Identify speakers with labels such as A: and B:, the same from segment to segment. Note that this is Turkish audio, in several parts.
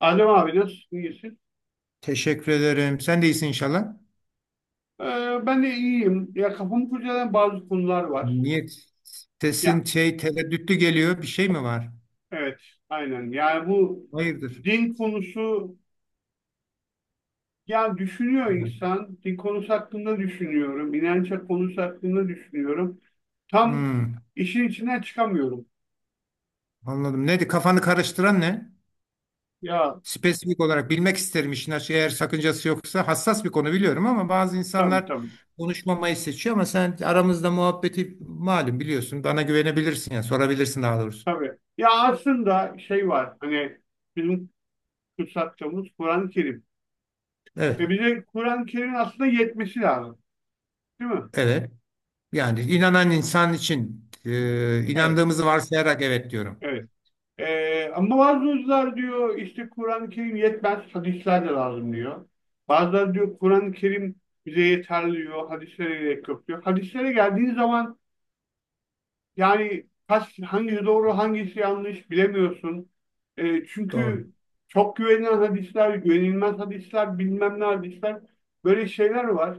A: Adem abi nasılsın? İyisin.
B: Teşekkür ederim. Sen de iyisin inşallah.
A: Ben de iyiyim. Ya kafamı kurcalayan bazı konular var.
B: Niye sesin
A: Ya
B: tereddütlü geliyor? Bir şey mi var?
A: evet, aynen. Yani bu
B: Hayırdır?
A: din konusu, ya düşünüyor insan. Din konusu hakkında düşünüyorum. İnanç konusu hakkında düşünüyorum. Tam
B: Hmm,
A: işin içinden çıkamıyorum.
B: anladım. Neydi? Kafanı karıştıran ne?
A: Ya
B: Spesifik olarak bilmek isterim işin açığı. Eğer sakıncası yoksa hassas bir konu biliyorum ama bazı
A: tabii
B: insanlar
A: tabii.
B: konuşmamayı seçiyor ama sen aramızda muhabbeti malum biliyorsun. Bana güvenebilirsin ya sorabilirsin daha doğrusu.
A: Tabii. Ya aslında şey var. Hani bizim kutsattığımız Kur'an-ı Kerim.
B: Evet.
A: Ve bize Kur'an-ı Kerim'in aslında yetmesi lazım. Değil mi?
B: Evet. Yani inanan insan için
A: Evet.
B: inandığımızı varsayarak evet diyorum.
A: Evet. Ama bazıları diyor işte Kur'an-ı Kerim yetmez, hadisler de lazım diyor. Bazıları diyor Kur'an-ı Kerim bize yeterli diyor, hadislere gerek yok diyor. Hadislere geldiğin zaman yani kaç, hangisi doğru, hangisi yanlış bilemiyorsun.
B: Doğru.
A: Çünkü çok güvenilen hadisler, güvenilmez hadisler, bilmem ne hadisler, böyle şeyler var.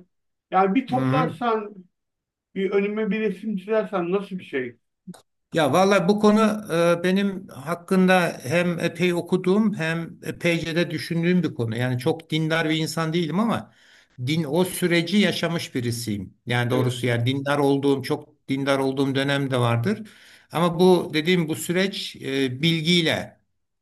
A: Yani bir
B: Hı hı.
A: toplarsan, bir önüme bir resim çizersen nasıl bir şey?
B: Ya vallahi bu konu benim hakkında hem epey okuduğum hem epeyce de düşündüğüm bir konu. Yani çok dindar bir insan değilim ama din o süreci yaşamış birisiyim. Yani
A: Evet.
B: doğrusu yani dindar olduğum çok dindar olduğum dönem de vardır. Ama bu dediğim bu süreç bilgiyle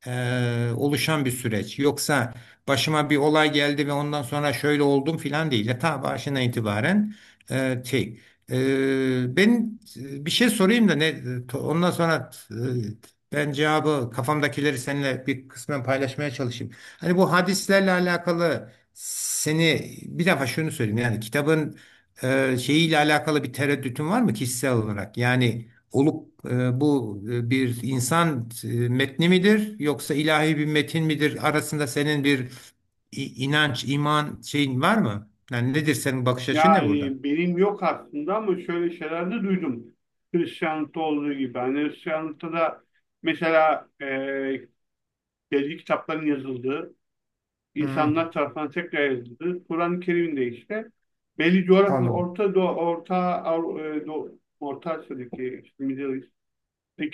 B: oluşan bir süreç. Yoksa başıma bir olay geldi ve ondan sonra şöyle oldum filan değil. Ya ta başından itibaren e, şey, ben bir şey sorayım da ne ondan sonra ben cevabı kafamdakileri seninle bir kısmen paylaşmaya çalışayım. Hani bu hadislerle alakalı seni bir defa şunu söyleyeyim yani kitabın şeyiyle alakalı bir tereddütün var mı kişisel olarak? Yani olup bu bir insan metni midir yoksa ilahi bir metin midir arasında senin bir inanç, iman şeyin var mı? Yani nedir senin bakış açın ne burada?
A: Yani benim yok aslında ama şöyle şeyler de duydum. Hristiyanlıkta olduğu gibi. Hani Hristiyanlıkta da mesela belli kitapların yazıldığı,
B: Hı.
A: insanlar tarafından tekrar yazıldığı, Kur'an-ı Kerim'de işte belli coğrafyada
B: Anladım.
A: Orta Doğu, Orta, Orta Asya'daki işte Middle East,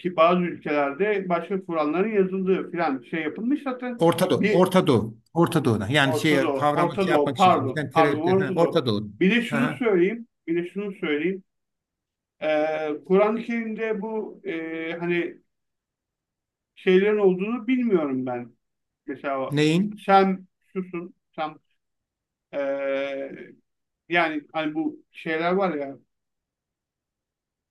A: bazı ülkelerde başka Kur'anların yazıldığı filan şey yapılmış zaten.
B: Orta Doğu,
A: Bir
B: Orta Doğu, Orta Doğu'na. Yani
A: Orta
B: şey
A: Doğu,
B: kavramı
A: Orta
B: şey
A: Doğu,
B: yapmak için söylüyorum.
A: pardon,
B: Sen
A: pardon,
B: tereddüt, ha,
A: Orta
B: Orta
A: Doğu.
B: Doğu.
A: Bir de
B: Ha,
A: şunu
B: ha.
A: söyleyeyim, bir de şunu söyleyeyim. Kur'an-ı Kerim'de bu hani şeylerin olduğunu bilmiyorum ben. Mesela o
B: Neyin?
A: Sem susun, e, yani hani bu şeyler var ya,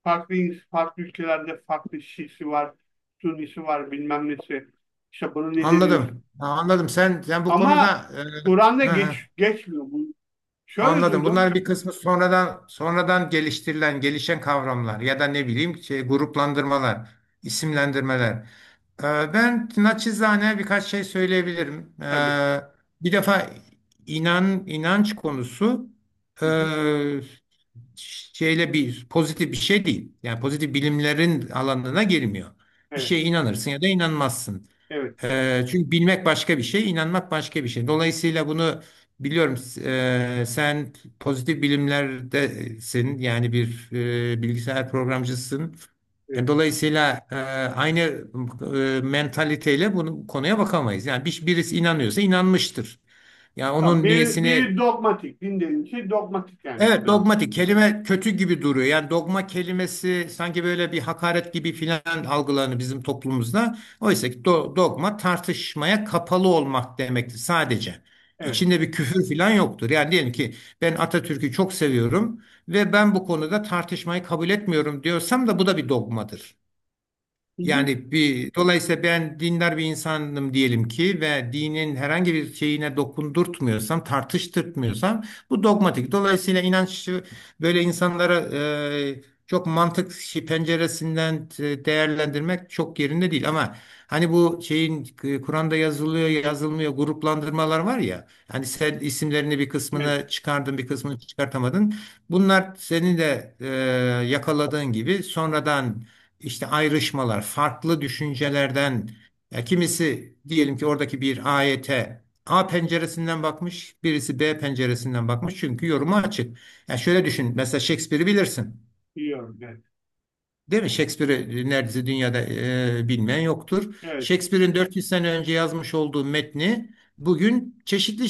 A: farklı ülkelerde farklı Şiisi var, Sünnisi var, bilmem nesi. İşte bunu ne deniyor?
B: Anladım. Ha, anladım. Sen bu
A: Ama
B: konuda
A: Kur'an'da
B: ha, ha,
A: geçmiyor bu. Şöyle
B: anladım.
A: duydum
B: Bunların bir kısmı sonradan sonradan geliştirilen, gelişen kavramlar ya da ne bileyim gruplandırmalar, isimlendirmeler. Ben naçizane birkaç şey söyleyebilirim.
A: tabii.
B: Bir defa inanç konusu e,
A: Hı hı.
B: şeyle bir pozitif bir şey değil. Yani pozitif bilimlerin alanına girmiyor. Bir
A: Evet,
B: şeye inanırsın ya da inanmazsın.
A: evet,
B: Çünkü bilmek başka bir şey, inanmak başka bir şey. Dolayısıyla bunu biliyorum. Sen pozitif bilimlerdesin. Yani bir bilgisayar programcısın. Yani
A: evet.
B: dolayısıyla aynı mentaliteyle bunu konuya bakamayız. Yani birisi inanıyorsa inanmıştır. Yani
A: Tamam.
B: onun niyesini...
A: Biri dogmatik, din denilen şey dogmatik yani
B: Evet,
A: kısacası.
B: dogmatik kelime kötü gibi duruyor. Yani dogma kelimesi sanki böyle bir hakaret gibi filan algılanır bizim toplumumuzda. Oysa ki dogma tartışmaya kapalı olmak demektir sadece.
A: Evet.
B: İçinde bir küfür filan yoktur. Yani diyelim ki ben Atatürk'ü çok seviyorum ve ben bu konuda tartışmayı kabul etmiyorum diyorsam da bu da bir dogmadır.
A: Hı hı.
B: Yani dolayısıyla ben dindar bir insanım diyelim ki ve dinin herhangi bir şeyine dokundurtmuyorsam, tartıştırtmıyorsam bu dogmatik. Dolayısıyla inanç böyle insanlara çok mantık penceresinden değerlendirmek çok yerinde değil ama hani bu şeyin Kur'an'da yazılıyor, yazılmıyor gruplandırmalar var ya. Hani sen isimlerini bir
A: Evet.
B: kısmını çıkardın, bir kısmını çıkartamadın. Bunlar senin de yakaladığın gibi sonradan işte ayrışmalar, farklı düşüncelerden. Ya kimisi diyelim ki oradaki bir ayete A penceresinden bakmış, birisi B penceresinden bakmış çünkü yoruma açık. Ya şöyle düşün, mesela Shakespeare'i bilirsin.
A: Biliyorum. Evet.
B: Değil mi? Shakespeare'i neredeyse dünyada bilmeyen yoktur.
A: Evet,
B: Shakespeare'in 400 sene önce yazmış olduğu metni bugün çeşitli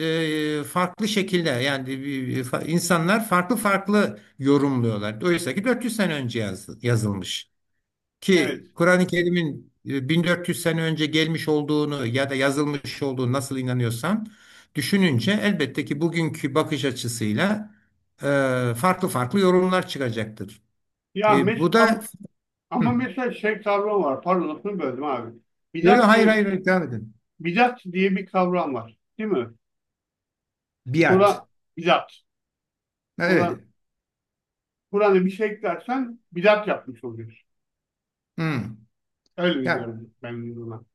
B: farklı şekilde yani insanlar farklı farklı yorumluyorlar. Oysa ki 400 sene önce yazılmış.
A: evet.
B: Ki Kur'an-ı Kerim'in 1400 sene önce gelmiş olduğunu ya da yazılmış olduğunu nasıl inanıyorsan düşününce elbette ki bugünkü bakış açısıyla e, farklı farklı yorumlar çıkacaktır.
A: Ya mes
B: Bu da...
A: ama, ama
B: Hı.
A: mesela şey kavram var. Pardon lafını böldüm abi.
B: Yo, yo,
A: Bidat
B: hayır
A: diye
B: hayır hayır, devam edin.
A: bidat diye bir kavram var. Değil mi?
B: Biat.
A: Kur'an bidat. Kur'an
B: Evet.
A: Kur'an'a bir şey eklersen bidat yapmış oluyorsun.
B: Hı.
A: Öyle
B: Ya
A: biliyorum ben bunu.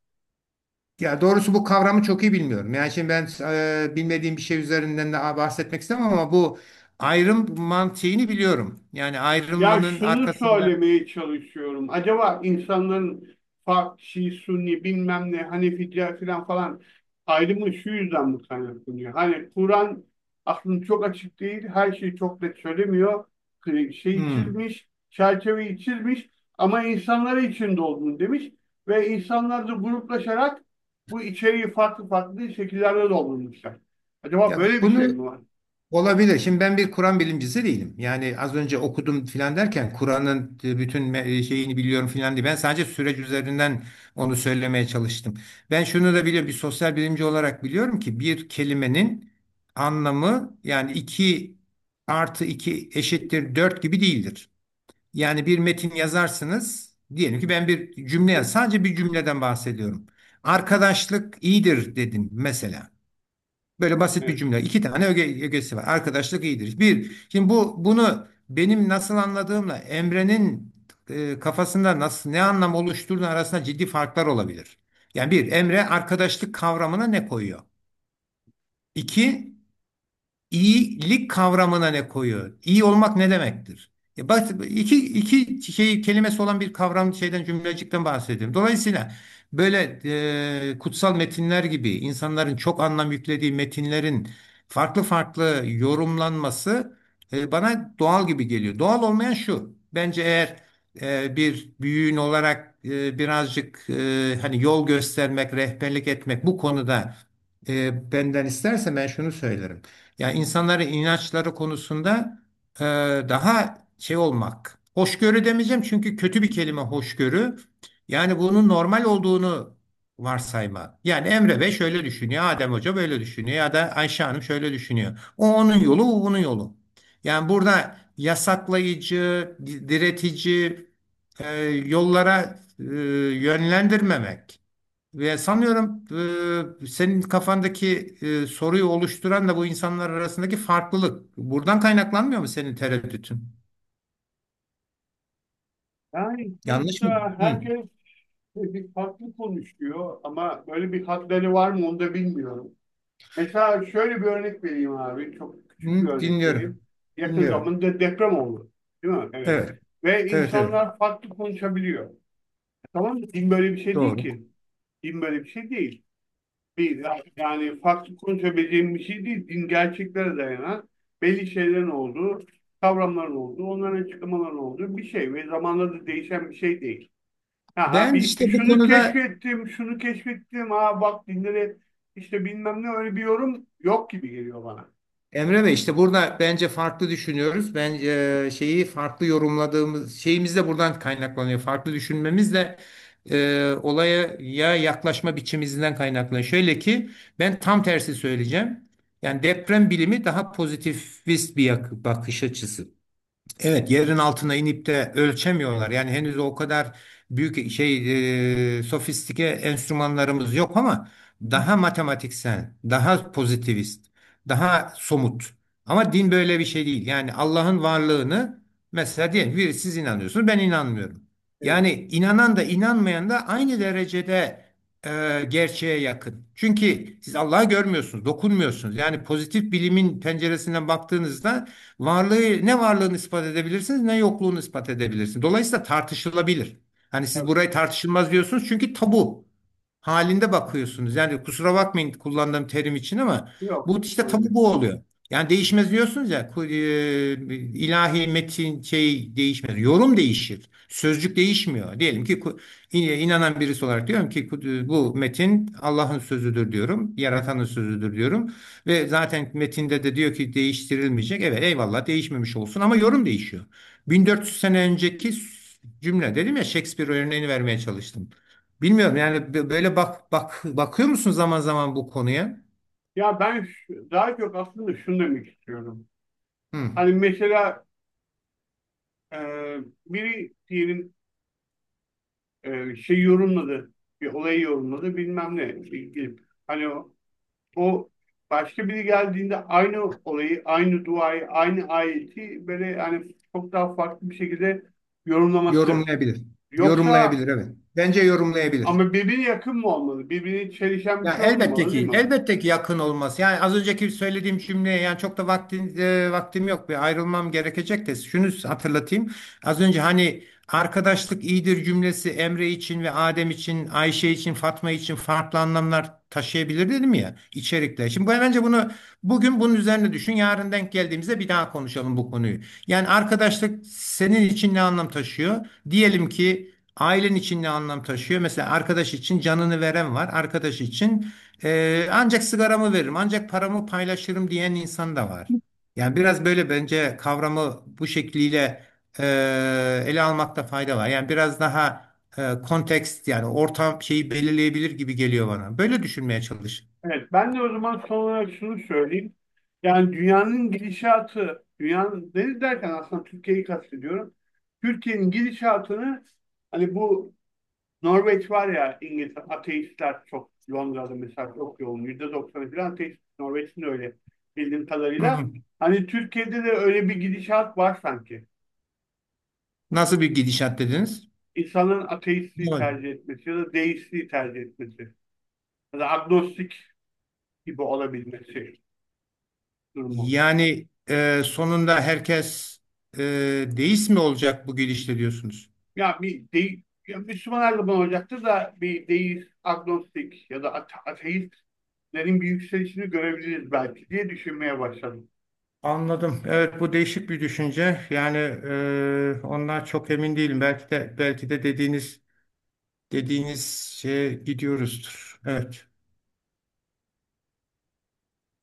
B: ya doğrusu bu kavramı çok iyi bilmiyorum. Yani şimdi ben bilmediğim bir şey üzerinden de bahsetmek istemem ama bu ayrım mantığını biliyorum. Yani
A: Ya
B: ayrılmanın
A: şunu
B: arkasında...
A: söylemeye çalışıyorum. Acaba insanların Şii, Sünni, bilmem ne, Hanefi, diğer filan falan ayrımı şu yüzden mi kaynaklanıyor? Hani Kur'an aslında çok açık değil, her şeyi çok net söylemiyor. Şeyi
B: Hı.
A: çizmiş, çerçeveyi çizmiş ama insanlara içinde olduğunu demiş ve insanlar da gruplaşarak bu içeriği farklı farklı şekillerde doldurmuşlar. Acaba
B: Ya
A: böyle bir şey
B: bunu
A: mi var?
B: olabilir. Şimdi ben bir Kur'an bilimcisi değilim. Yani az önce okudum filan derken Kur'an'ın bütün şeyini biliyorum filan diye. Ben sadece süreç üzerinden onu söylemeye çalıştım. Ben şunu da biliyorum. Bir sosyal bilimci olarak biliyorum ki bir kelimenin anlamı yani 2 artı 2 eşittir 4 gibi değildir. Yani bir metin yazarsınız. Diyelim ki ben bir cümle
A: Evet.
B: yaz. Sadece bir cümleden bahsediyorum. Arkadaşlık iyidir dedim mesela. Böyle basit bir
A: Evet.
B: cümle. İki tane ögesi var. Arkadaşlık iyidir. Bir, şimdi bunu benim nasıl anladığımla Emre'nin kafasında nasıl ne anlam oluşturduğu arasında ciddi farklar olabilir. Yani bir, Emre arkadaşlık kavramına ne koyuyor? İki, İyilik kavramına ne koyuyor? İyi olmak ne demektir? E bak iki şey kelimesi olan bir kavram cümlecikten bahsediyorum. Dolayısıyla böyle kutsal metinler gibi insanların çok anlam yüklediği metinlerin farklı farklı yorumlanması bana doğal gibi geliyor. Doğal olmayan şu. Bence eğer bir büyüğün olarak birazcık hani yol göstermek, rehberlik etmek bu konuda benden isterse ben şunu söylerim. Yani insanların inançları konusunda e, daha şey olmak. Hoşgörü demeyeceğim çünkü kötü bir kelime hoşgörü. Yani bunun normal olduğunu varsayma. Yani Emre Bey şöyle düşünüyor, Adem Hoca böyle düşünüyor ya da Ayşe Hanım şöyle düşünüyor. O onun yolu, o bunun yolu. Yani burada yasaklayıcı, diretici yollara yönlendirmemek. Ve sanıyorum senin kafandaki soruyu oluşturan da bu insanlar arasındaki farklılık. Buradan kaynaklanmıyor mu senin tereddütün?
A: Yani
B: Yanlış mı?
A: sonuçta
B: Hı.
A: herkes bir farklı konuşuyor ama böyle bir hatları var mı onu da bilmiyorum. Mesela şöyle bir örnek vereyim abi. Çok küçük bir
B: Hı,
A: örnek
B: dinliyorum.
A: vereyim. Yakın
B: Dinliyorum.
A: zamanda deprem oldu. Değil mi? Evet.
B: Evet.
A: Ve
B: Evet, evet.
A: insanlar farklı konuşabiliyor. Tamam mı? Din böyle bir şey değil
B: Doğru.
A: ki. Din böyle bir şey değil. Bir, yani farklı konuşabileceğim bir şey değil. Din gerçeklere dayanan belli şeylerin olduğu, kavramların olduğu, onların açıklamaların olduğu bir şey ve zamanla da değişen bir şey değil, ha
B: Ben işte
A: bir
B: bu
A: şunu
B: konuda...
A: keşfettim, şunu keşfettim. Ha bak, dinleri işte bilmem ne öyle bir yorum yok gibi geliyor bana.
B: Emre Bey işte burada bence farklı düşünüyoruz. Ben şeyi farklı yorumladığımız şeyimiz de buradan kaynaklanıyor. Farklı düşünmemiz de olaya ya yaklaşma biçimimizden kaynaklanıyor. Şöyle ki ben tam tersi söyleyeceğim. Yani deprem bilimi daha pozitivist bir bakış açısı. Evet, yerin altına inip de ölçemiyorlar. Yani henüz o kadar büyük sofistike enstrümanlarımız yok ama daha matematiksel, daha pozitivist, daha somut. Ama din böyle bir şey değil. Yani Allah'ın varlığını mesela diyelim bir siz inanıyorsunuz, ben inanmıyorum.
A: Evet,
B: Yani inanan da inanmayan da aynı derecede gerçeğe yakın. Çünkü siz Allah'ı görmüyorsunuz, dokunmuyorsunuz. Yani pozitif bilimin penceresinden baktığınızda ne varlığını ispat edebilirsiniz ne yokluğunu ispat edebilirsiniz. Dolayısıyla tartışılabilir. Hani siz
A: evet.
B: burayı tartışılmaz diyorsunuz çünkü tabu halinde bakıyorsunuz. Yani kusura bakmayın kullandığım terim için ama
A: Yok,
B: bu işte
A: sorun
B: tabu
A: değil.
B: bu oluyor. Yani değişmez diyorsunuz ya ilahi metin değişmez. Yorum değişir. Sözcük değişmiyor. Diyelim ki inanan birisi olarak diyorum ki bu metin Allah'ın sözüdür diyorum. Yaratanın sözüdür diyorum. Ve zaten metinde de diyor ki değiştirilmeyecek. Evet eyvallah değişmemiş olsun ama yorum değişiyor. 1400 sene önceki cümle dedim ya Shakespeare örneğini vermeye çalıştım. Bilmiyorum yani böyle bakıyor musun zaman zaman bu konuya?
A: Ya daha çok aslında şunu demek istiyorum.
B: Hı.
A: Hani mesela e, biri diyelim şey yorumladı, bir olayı yorumladı bilmem ne ilgili. Hani o başka biri geldiğinde aynı olayı, aynı duayı, aynı ayeti böyle hani çok daha farklı bir şekilde yorumlaması.
B: Yorumlayabilir.
A: Yoksa
B: Yorumlayabilir evet. Bence yorumlayabilir.
A: ama birbirine yakın mı olmalı? Birbirine çelişen bir
B: Ya
A: şey
B: elbette
A: olmamalı değil
B: ki,
A: mi?
B: elbette ki yakın olması. Yani az önceki söylediğim cümleye yani çok da vaktim yok ve ayrılmam gerekecek de şunu hatırlatayım. Az önce hani arkadaşlık iyidir cümlesi Emre için ve Adem için, Ayşe için, Fatma için farklı anlamlar taşıyabilir dedim ya içerikler. Şimdi bence bunu bugün bunun üzerine düşün. Yarın denk geldiğimizde bir daha konuşalım bu konuyu. Yani arkadaşlık senin için ne anlam taşıyor? Diyelim ki ailen için ne anlam taşıyor? Mesela arkadaş için canını veren var. Arkadaş için ancak sigaramı veririm, ancak paramı paylaşırım diyen insan da var. Yani biraz böyle bence kavramı bu şekliyle e, ele almakta fayda var. Yani biraz daha kontekst yani ortam şeyi belirleyebilir gibi geliyor bana. Böyle düşünmeye çalış.
A: Evet, ben de o zaman son olarak şunu söyleyeyim. Yani dünyanın gidişatı, dünyanın deniz derken aslında Türkiye'yi kastediyorum. Türkiye'nin gidişatını hani bu Norveç var ya, İngiltere, ateistler çok Londra'da mesela çok yoğun. %90'ı falan ateist. Norveç'in de öyle bildiğim
B: Hı
A: kadarıyla.
B: hı.
A: Hani Türkiye'de de öyle bir gidişat var sanki.
B: Nasıl bir gidişat dediniz?
A: İnsanların ateistliği
B: Evet.
A: tercih etmesi ya da deistliği tercih etmesi ya da agnostik gibi olabilmesi durumu.
B: Yani sonunda herkes e, deist mi olacak bu gidişle diyorsunuz?
A: Ya bir değil, ya Müslüman her zaman olacaktır da bir deist, agnostik ya da ateistlerin bir yükselişini görebiliriz belki diye düşünmeye başladım.
B: Anladım. Evet bu değişik bir düşünce. Yani ondan çok emin değilim. Belki de dediğiniz şeye gidiyoruzdur. Evet.